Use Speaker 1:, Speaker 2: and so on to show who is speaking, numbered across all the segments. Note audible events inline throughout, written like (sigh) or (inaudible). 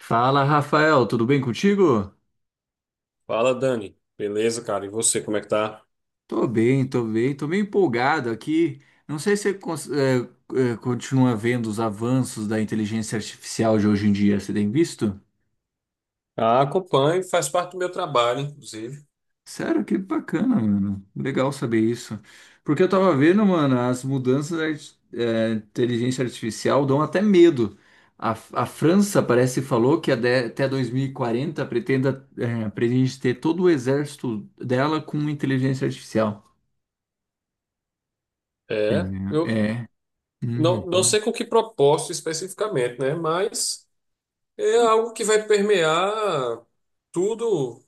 Speaker 1: Fala, Rafael, tudo bem contigo?
Speaker 2: Fala, Dani. Beleza, cara? E você, como é que tá?
Speaker 1: Tô bem, tô bem, tô meio empolgado aqui. Não sei se você continua vendo os avanços da inteligência artificial de hoje em dia. Você tem visto?
Speaker 2: Ah, acompanho, faz parte do meu trabalho, inclusive.
Speaker 1: Sério, que bacana, mano. Legal saber isso. Porque eu tava vendo, mano, as mudanças da inteligência artificial dão até medo. A França parece falou que até 2040 pretende ter todo o exército dela com inteligência artificial.
Speaker 2: É,
Speaker 1: Entendeu?
Speaker 2: eu
Speaker 1: É.
Speaker 2: não,
Speaker 1: Uhum.
Speaker 2: não sei com que propósito especificamente, né? Mas é algo que vai permear tudo,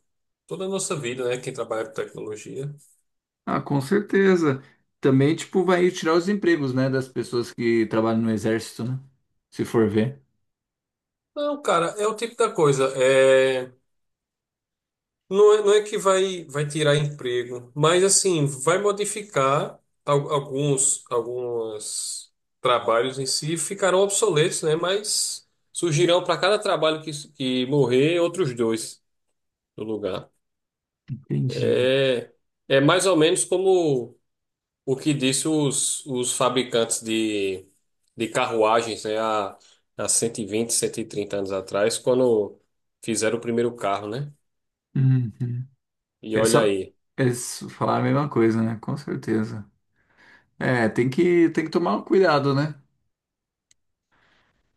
Speaker 2: toda a nossa vida, né? Quem trabalha com tecnologia.
Speaker 1: Ah, com certeza. Também, tipo, vai tirar os empregos, né, das pessoas que trabalham no exército, né? Se for ver.
Speaker 2: Não, cara, é o tipo da coisa. É, não é que vai tirar emprego, mas assim, vai modificar alguns trabalhos em si, ficarão obsoletos, né? Mas surgirão para cada trabalho que morrer, outros dois no lugar.
Speaker 1: Entendi.
Speaker 2: É, é mais ou menos como o que disse os fabricantes de carruagens, né? Há 120, 130 anos atrás, quando fizeram o primeiro carro, né?
Speaker 1: Uhum.
Speaker 2: E
Speaker 1: É
Speaker 2: olha
Speaker 1: só
Speaker 2: aí.
Speaker 1: é só falar a mesma coisa, né? Com certeza. É, tem que tomar cuidado, né?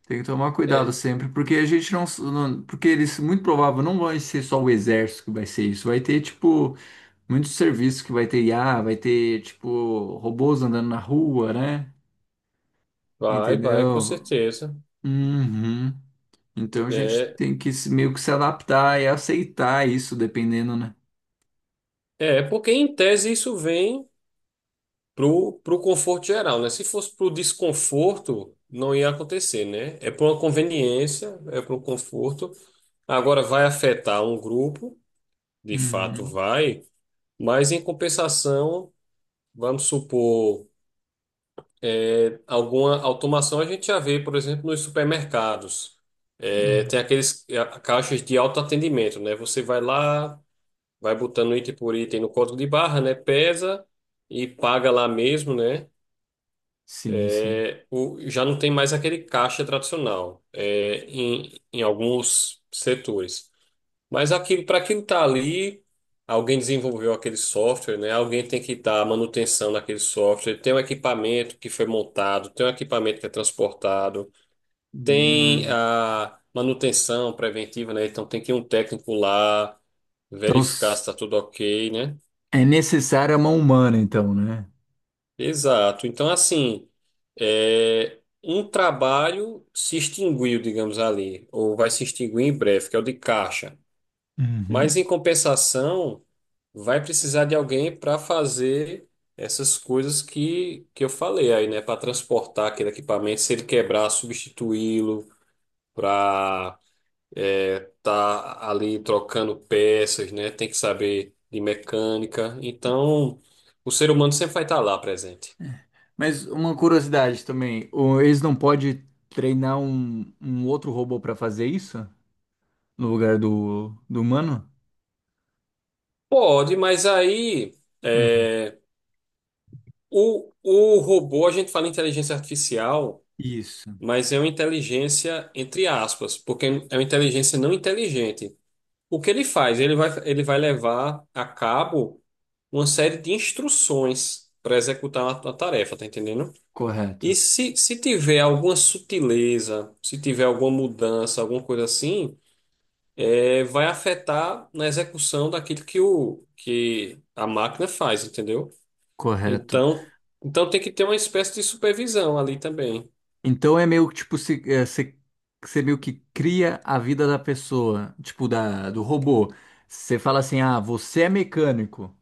Speaker 1: Tem que tomar cuidado
Speaker 2: é,
Speaker 1: sempre, porque a gente porque eles muito provável não vai ser só o exército que vai ser isso, vai ter tipo muitos serviços que vai ter IA, vai ter tipo robôs andando na rua, né?
Speaker 2: Vai, vai, com
Speaker 1: Entendeu?
Speaker 2: certeza.
Speaker 1: Uhum. Então a gente
Speaker 2: É,
Speaker 1: tem que se- meio que se adaptar e aceitar isso, dependendo, né?
Speaker 2: é porque em tese isso vem pro conforto geral, né? Se fosse pro desconforto, não ia acontecer, né? É por uma conveniência, é pro conforto. Agora vai afetar um grupo, de fato
Speaker 1: Uhum,
Speaker 2: vai, mas em compensação, vamos supor, alguma automação a gente já vê, por exemplo, nos supermercados. É,
Speaker 1: uhum.
Speaker 2: tem aqueles caixas de autoatendimento, né? Você vai lá, vai botando item por item no código de barra, né? Pesa e paga lá mesmo, né?
Speaker 1: Sim, sim.
Speaker 2: É, já não tem mais aquele caixa tradicional em alguns setores. Mas para aquilo tá ali, alguém desenvolveu aquele software, né? Alguém tem que dar manutenção naquele software. Tem um equipamento que foi montado, tem um equipamento que é transportado, tem
Speaker 1: Uhum.
Speaker 2: a manutenção preventiva, né? Então tem que ir um técnico lá
Speaker 1: Então
Speaker 2: verificar se
Speaker 1: s-
Speaker 2: está tudo ok, né?
Speaker 1: é necessária a mão humana, então, né?
Speaker 2: Exato. Então, assim, um trabalho se extinguiu, digamos ali, ou vai se extinguir em breve, que é o de caixa.
Speaker 1: Uhum.
Speaker 2: Mas, em compensação, vai precisar de alguém para fazer essas coisas que eu falei aí, né? Para transportar aquele equipamento, se ele quebrar, substituí-lo, para estar ali trocando peças, né? Tem que saber de mecânica. Então, o ser humano sempre vai estar lá presente.
Speaker 1: Mas uma curiosidade também, eles não podem treinar um outro robô para fazer isso no lugar do humano?
Speaker 2: Pode, mas aí é, o robô, a gente fala inteligência artificial,
Speaker 1: Isso.
Speaker 2: mas é uma inteligência entre aspas, porque é uma inteligência não inteligente. O que ele faz? Ele vai levar a cabo uma série de instruções para executar a uma tarefa, tá entendendo? E
Speaker 1: Correto,
Speaker 2: se tiver alguma sutileza, se tiver alguma mudança, alguma coisa assim, vai afetar na execução daquilo que a máquina faz, entendeu?
Speaker 1: correto.
Speaker 2: Então, então tem que ter uma espécie de supervisão ali também.
Speaker 1: Então é meio que tipo, se, é, se- você meio que cria a vida da pessoa, tipo, do robô. Você fala assim, ah, você é mecânico.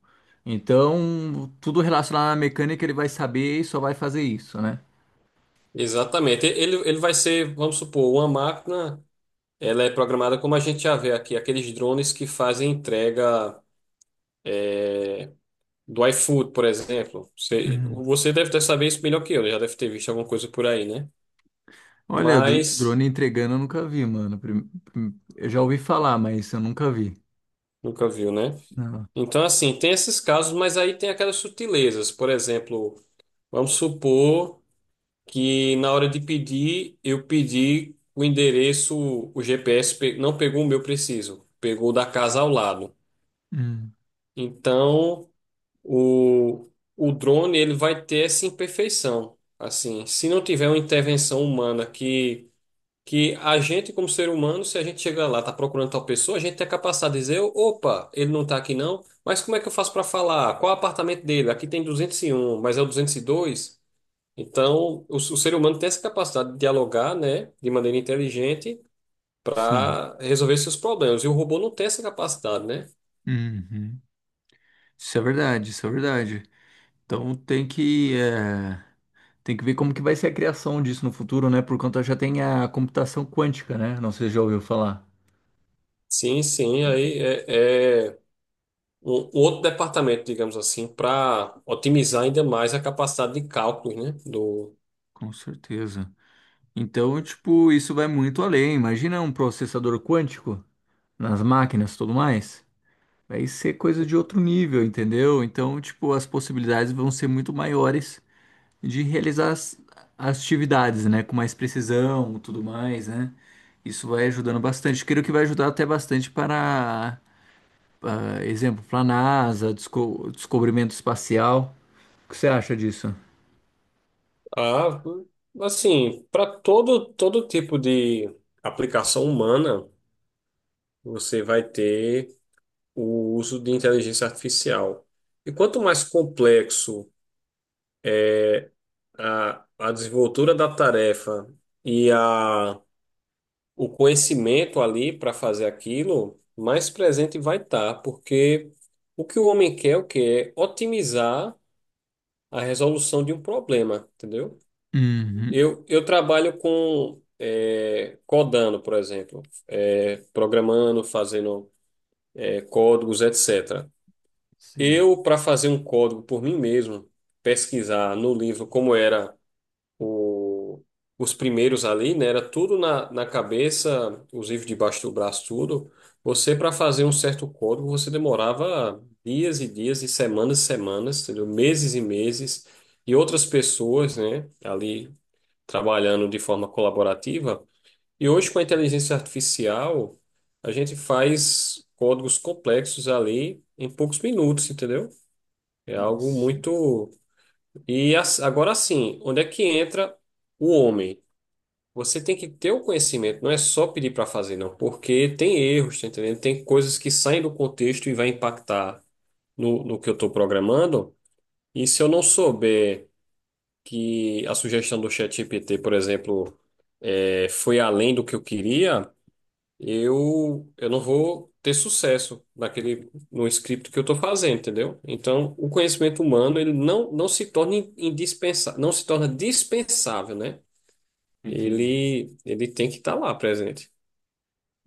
Speaker 1: Então, tudo relacionado à mecânica ele vai saber e só vai fazer isso, né?
Speaker 2: Exatamente. Ele vai ser, vamos supor, uma máquina, ela é programada como a gente já vê aqui, aqueles drones que fazem entrega, é, do iFood, por exemplo. Você,
Speaker 1: Uhum.
Speaker 2: você deve ter saber isso melhor que eu, né? Já deve ter visto alguma coisa por aí, né?
Speaker 1: Olha,
Speaker 2: Mas
Speaker 1: drone entregando eu nunca vi, mano. Eu já ouvi falar, mas eu nunca vi.
Speaker 2: nunca viu, né?
Speaker 1: Não.
Speaker 2: Então, assim, tem esses casos, mas aí tem aquelas sutilezas. Por exemplo, vamos supor que na hora de pedir, eu pedi o endereço, o GPS não pegou o meu preciso, pegou o da casa ao lado.
Speaker 1: Uhum.
Speaker 2: Então, o, o drone ele vai ter essa imperfeição. Assim, se não tiver uma intervenção humana que a gente como ser humano, se a gente chega lá, tá procurando tal pessoa, a gente é capaz de dizer, opa, ele não tá aqui não, mas como é que eu faço para falar? Qual é o apartamento dele? Aqui tem 201, mas é o 202. Então, o ser humano tem essa capacidade de dialogar, né, de maneira inteligente
Speaker 1: Sim.
Speaker 2: para resolver seus problemas. E o robô não tem essa capacidade, né?
Speaker 1: Uhum. Isso é verdade, isso é verdade. Então tem tem que ver como que vai ser a criação disso no futuro, né? Por conta já tem a computação quântica, né? Não sei se já ouviu falar.
Speaker 2: Sim, sim, aí é um outro departamento, digamos assim, para otimizar ainda mais a capacidade de cálculos, né,
Speaker 1: Com certeza. Então, tipo, isso vai muito além. Imagina um processador quântico nas máquinas e tudo mais. Vai ser coisa de outro nível, entendeu? Então, tipo, as possibilidades vão ser muito maiores de realizar as atividades, né? Com mais precisão, tudo mais, né? Isso vai ajudando bastante. Creio que vai ajudar até bastante para ah, exemplo, para a NASA, descobrimento espacial. O que você acha disso?
Speaker 2: ah, assim, para todo tipo de aplicação humana, você vai ter o uso de inteligência artificial. E quanto mais complexo a desenvoltura da tarefa e o conhecimento ali para fazer aquilo, mais presente vai estar, porque o que o homem quer, é o que é otimizar a resolução de um problema, entendeu?
Speaker 1: Uhum.
Speaker 2: Eu trabalho com codando, por exemplo, programando, fazendo códigos, etc.
Speaker 1: Sim.
Speaker 2: Eu, para fazer um código por mim mesmo, pesquisar no livro como era o- os primeiros ali, né? Era tudo na cabeça, os livros debaixo do braço, tudo. Você, para fazer um certo código, você demorava dias e dias e semanas, entendeu? Meses e meses. E outras pessoas, né? Ali trabalhando de forma colaborativa. E hoje, com a inteligência artificial, a gente faz códigos complexos ali em poucos minutos, entendeu? É algo
Speaker 1: Nossa,
Speaker 2: muito. E agora sim, onde é que entra o homem? Você tem que ter o conhecimento, não é só pedir para fazer, não, porque tem erros, tá entendendo? Tem coisas que saem do contexto e vai impactar no que eu estou programando. E se eu não souber que a sugestão do ChatGPT, por exemplo, foi além do que eu queria, eu não vou ter sucesso no script que eu estou fazendo, entendeu? Então, o conhecimento humano, ele não se torna indispensável, não se torna dispensável, né?
Speaker 1: entendi.
Speaker 2: Ele tem que estar lá presente.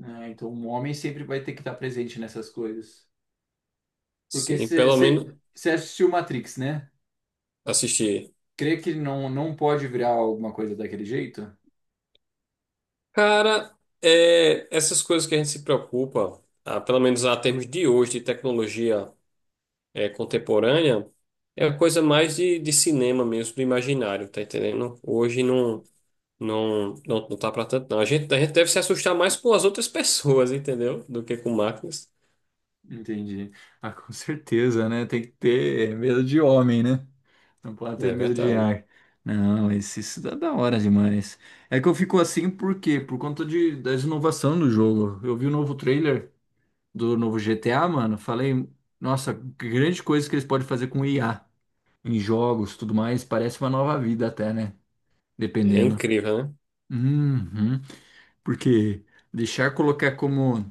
Speaker 1: Ah, então, o homem sempre vai ter que estar presente nessas coisas. Porque
Speaker 2: Sim, pelo
Speaker 1: você
Speaker 2: menos
Speaker 1: assistiu Matrix, né?
Speaker 2: assistir.
Speaker 1: Crê que não pode virar alguma coisa daquele jeito?
Speaker 2: Cara, essas coisas que a gente se preocupa, ah, pelo menos a termos de hoje, de tecnologia, contemporânea, é coisa mais de cinema mesmo, do imaginário, tá entendendo? Hoje não, não tá pra tanto, não. A gente deve se assustar mais com as outras (laughs) pessoas, entendeu? Do que com máquinas.
Speaker 1: Entendi. Ah, com certeza, né? Tem que ter medo de homem, né? Não pode ter
Speaker 2: É
Speaker 1: medo de
Speaker 2: verdade.
Speaker 1: ar. Não, esse, isso dá da hora demais. É que eu fico assim por quê? Por conta da inovação do jogo. Eu vi o novo trailer do novo GTA, mano. Falei, nossa, que grande coisa que eles podem fazer com IA em jogos, tudo mais. Parece uma nova vida até, né?
Speaker 2: É
Speaker 1: Dependendo.
Speaker 2: incrível, né?
Speaker 1: Uhum. Porque deixar colocar como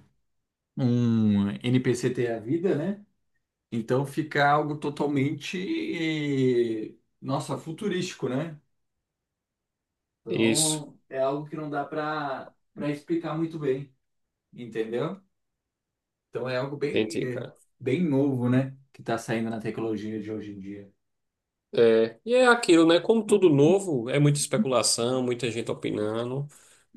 Speaker 1: um NPC ter a vida, né? Então fica algo totalmente, eh, nossa, futurístico, né?
Speaker 2: Isso.
Speaker 1: Então, é algo que não dá para explicar muito bem, entendeu? Então, é algo
Speaker 2: Entendi, cara.
Speaker 1: bem novo, né? Que está saindo na tecnologia de hoje em dia.
Speaker 2: É, e é aquilo, né? Como tudo novo, é muita especulação, muita gente opinando,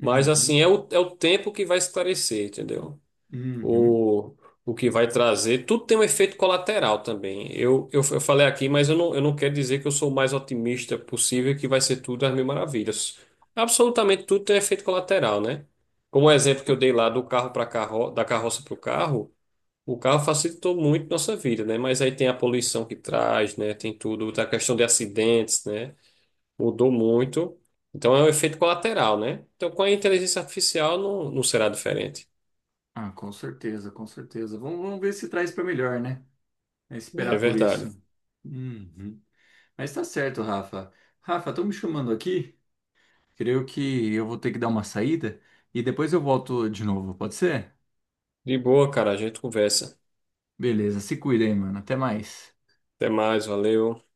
Speaker 2: mas assim, é o tempo que vai esclarecer, entendeu?
Speaker 1: uhum.
Speaker 2: O, o que vai trazer. Tudo tem um efeito colateral também. Eu falei aqui, mas eu não quero dizer que eu sou o mais otimista possível, que vai ser tudo às mil maravilhas. Absolutamente tudo tem efeito colateral, né? Como o exemplo que eu dei lá do carro para carro, da carroça para o carro. O carro facilitou muito nossa vida, né? Mas aí tem a poluição que traz, né? Tem tudo, a questão de acidentes, né? Mudou muito. Então é um efeito colateral, né? Então com a inteligência artificial não será diferente.
Speaker 1: Ah, com certeza, com certeza. Vamos, vamos ver se traz para melhor, né? É esperar
Speaker 2: É
Speaker 1: por isso.
Speaker 2: verdade.
Speaker 1: Uhum. Mas tá certo, Rafa. Rafa, estão me chamando aqui. Creio que eu vou ter que dar uma saída e depois eu volto de novo, pode ser?
Speaker 2: De boa, cara, a gente conversa.
Speaker 1: Beleza, se cuida aí, mano. Até mais.
Speaker 2: Até mais, valeu.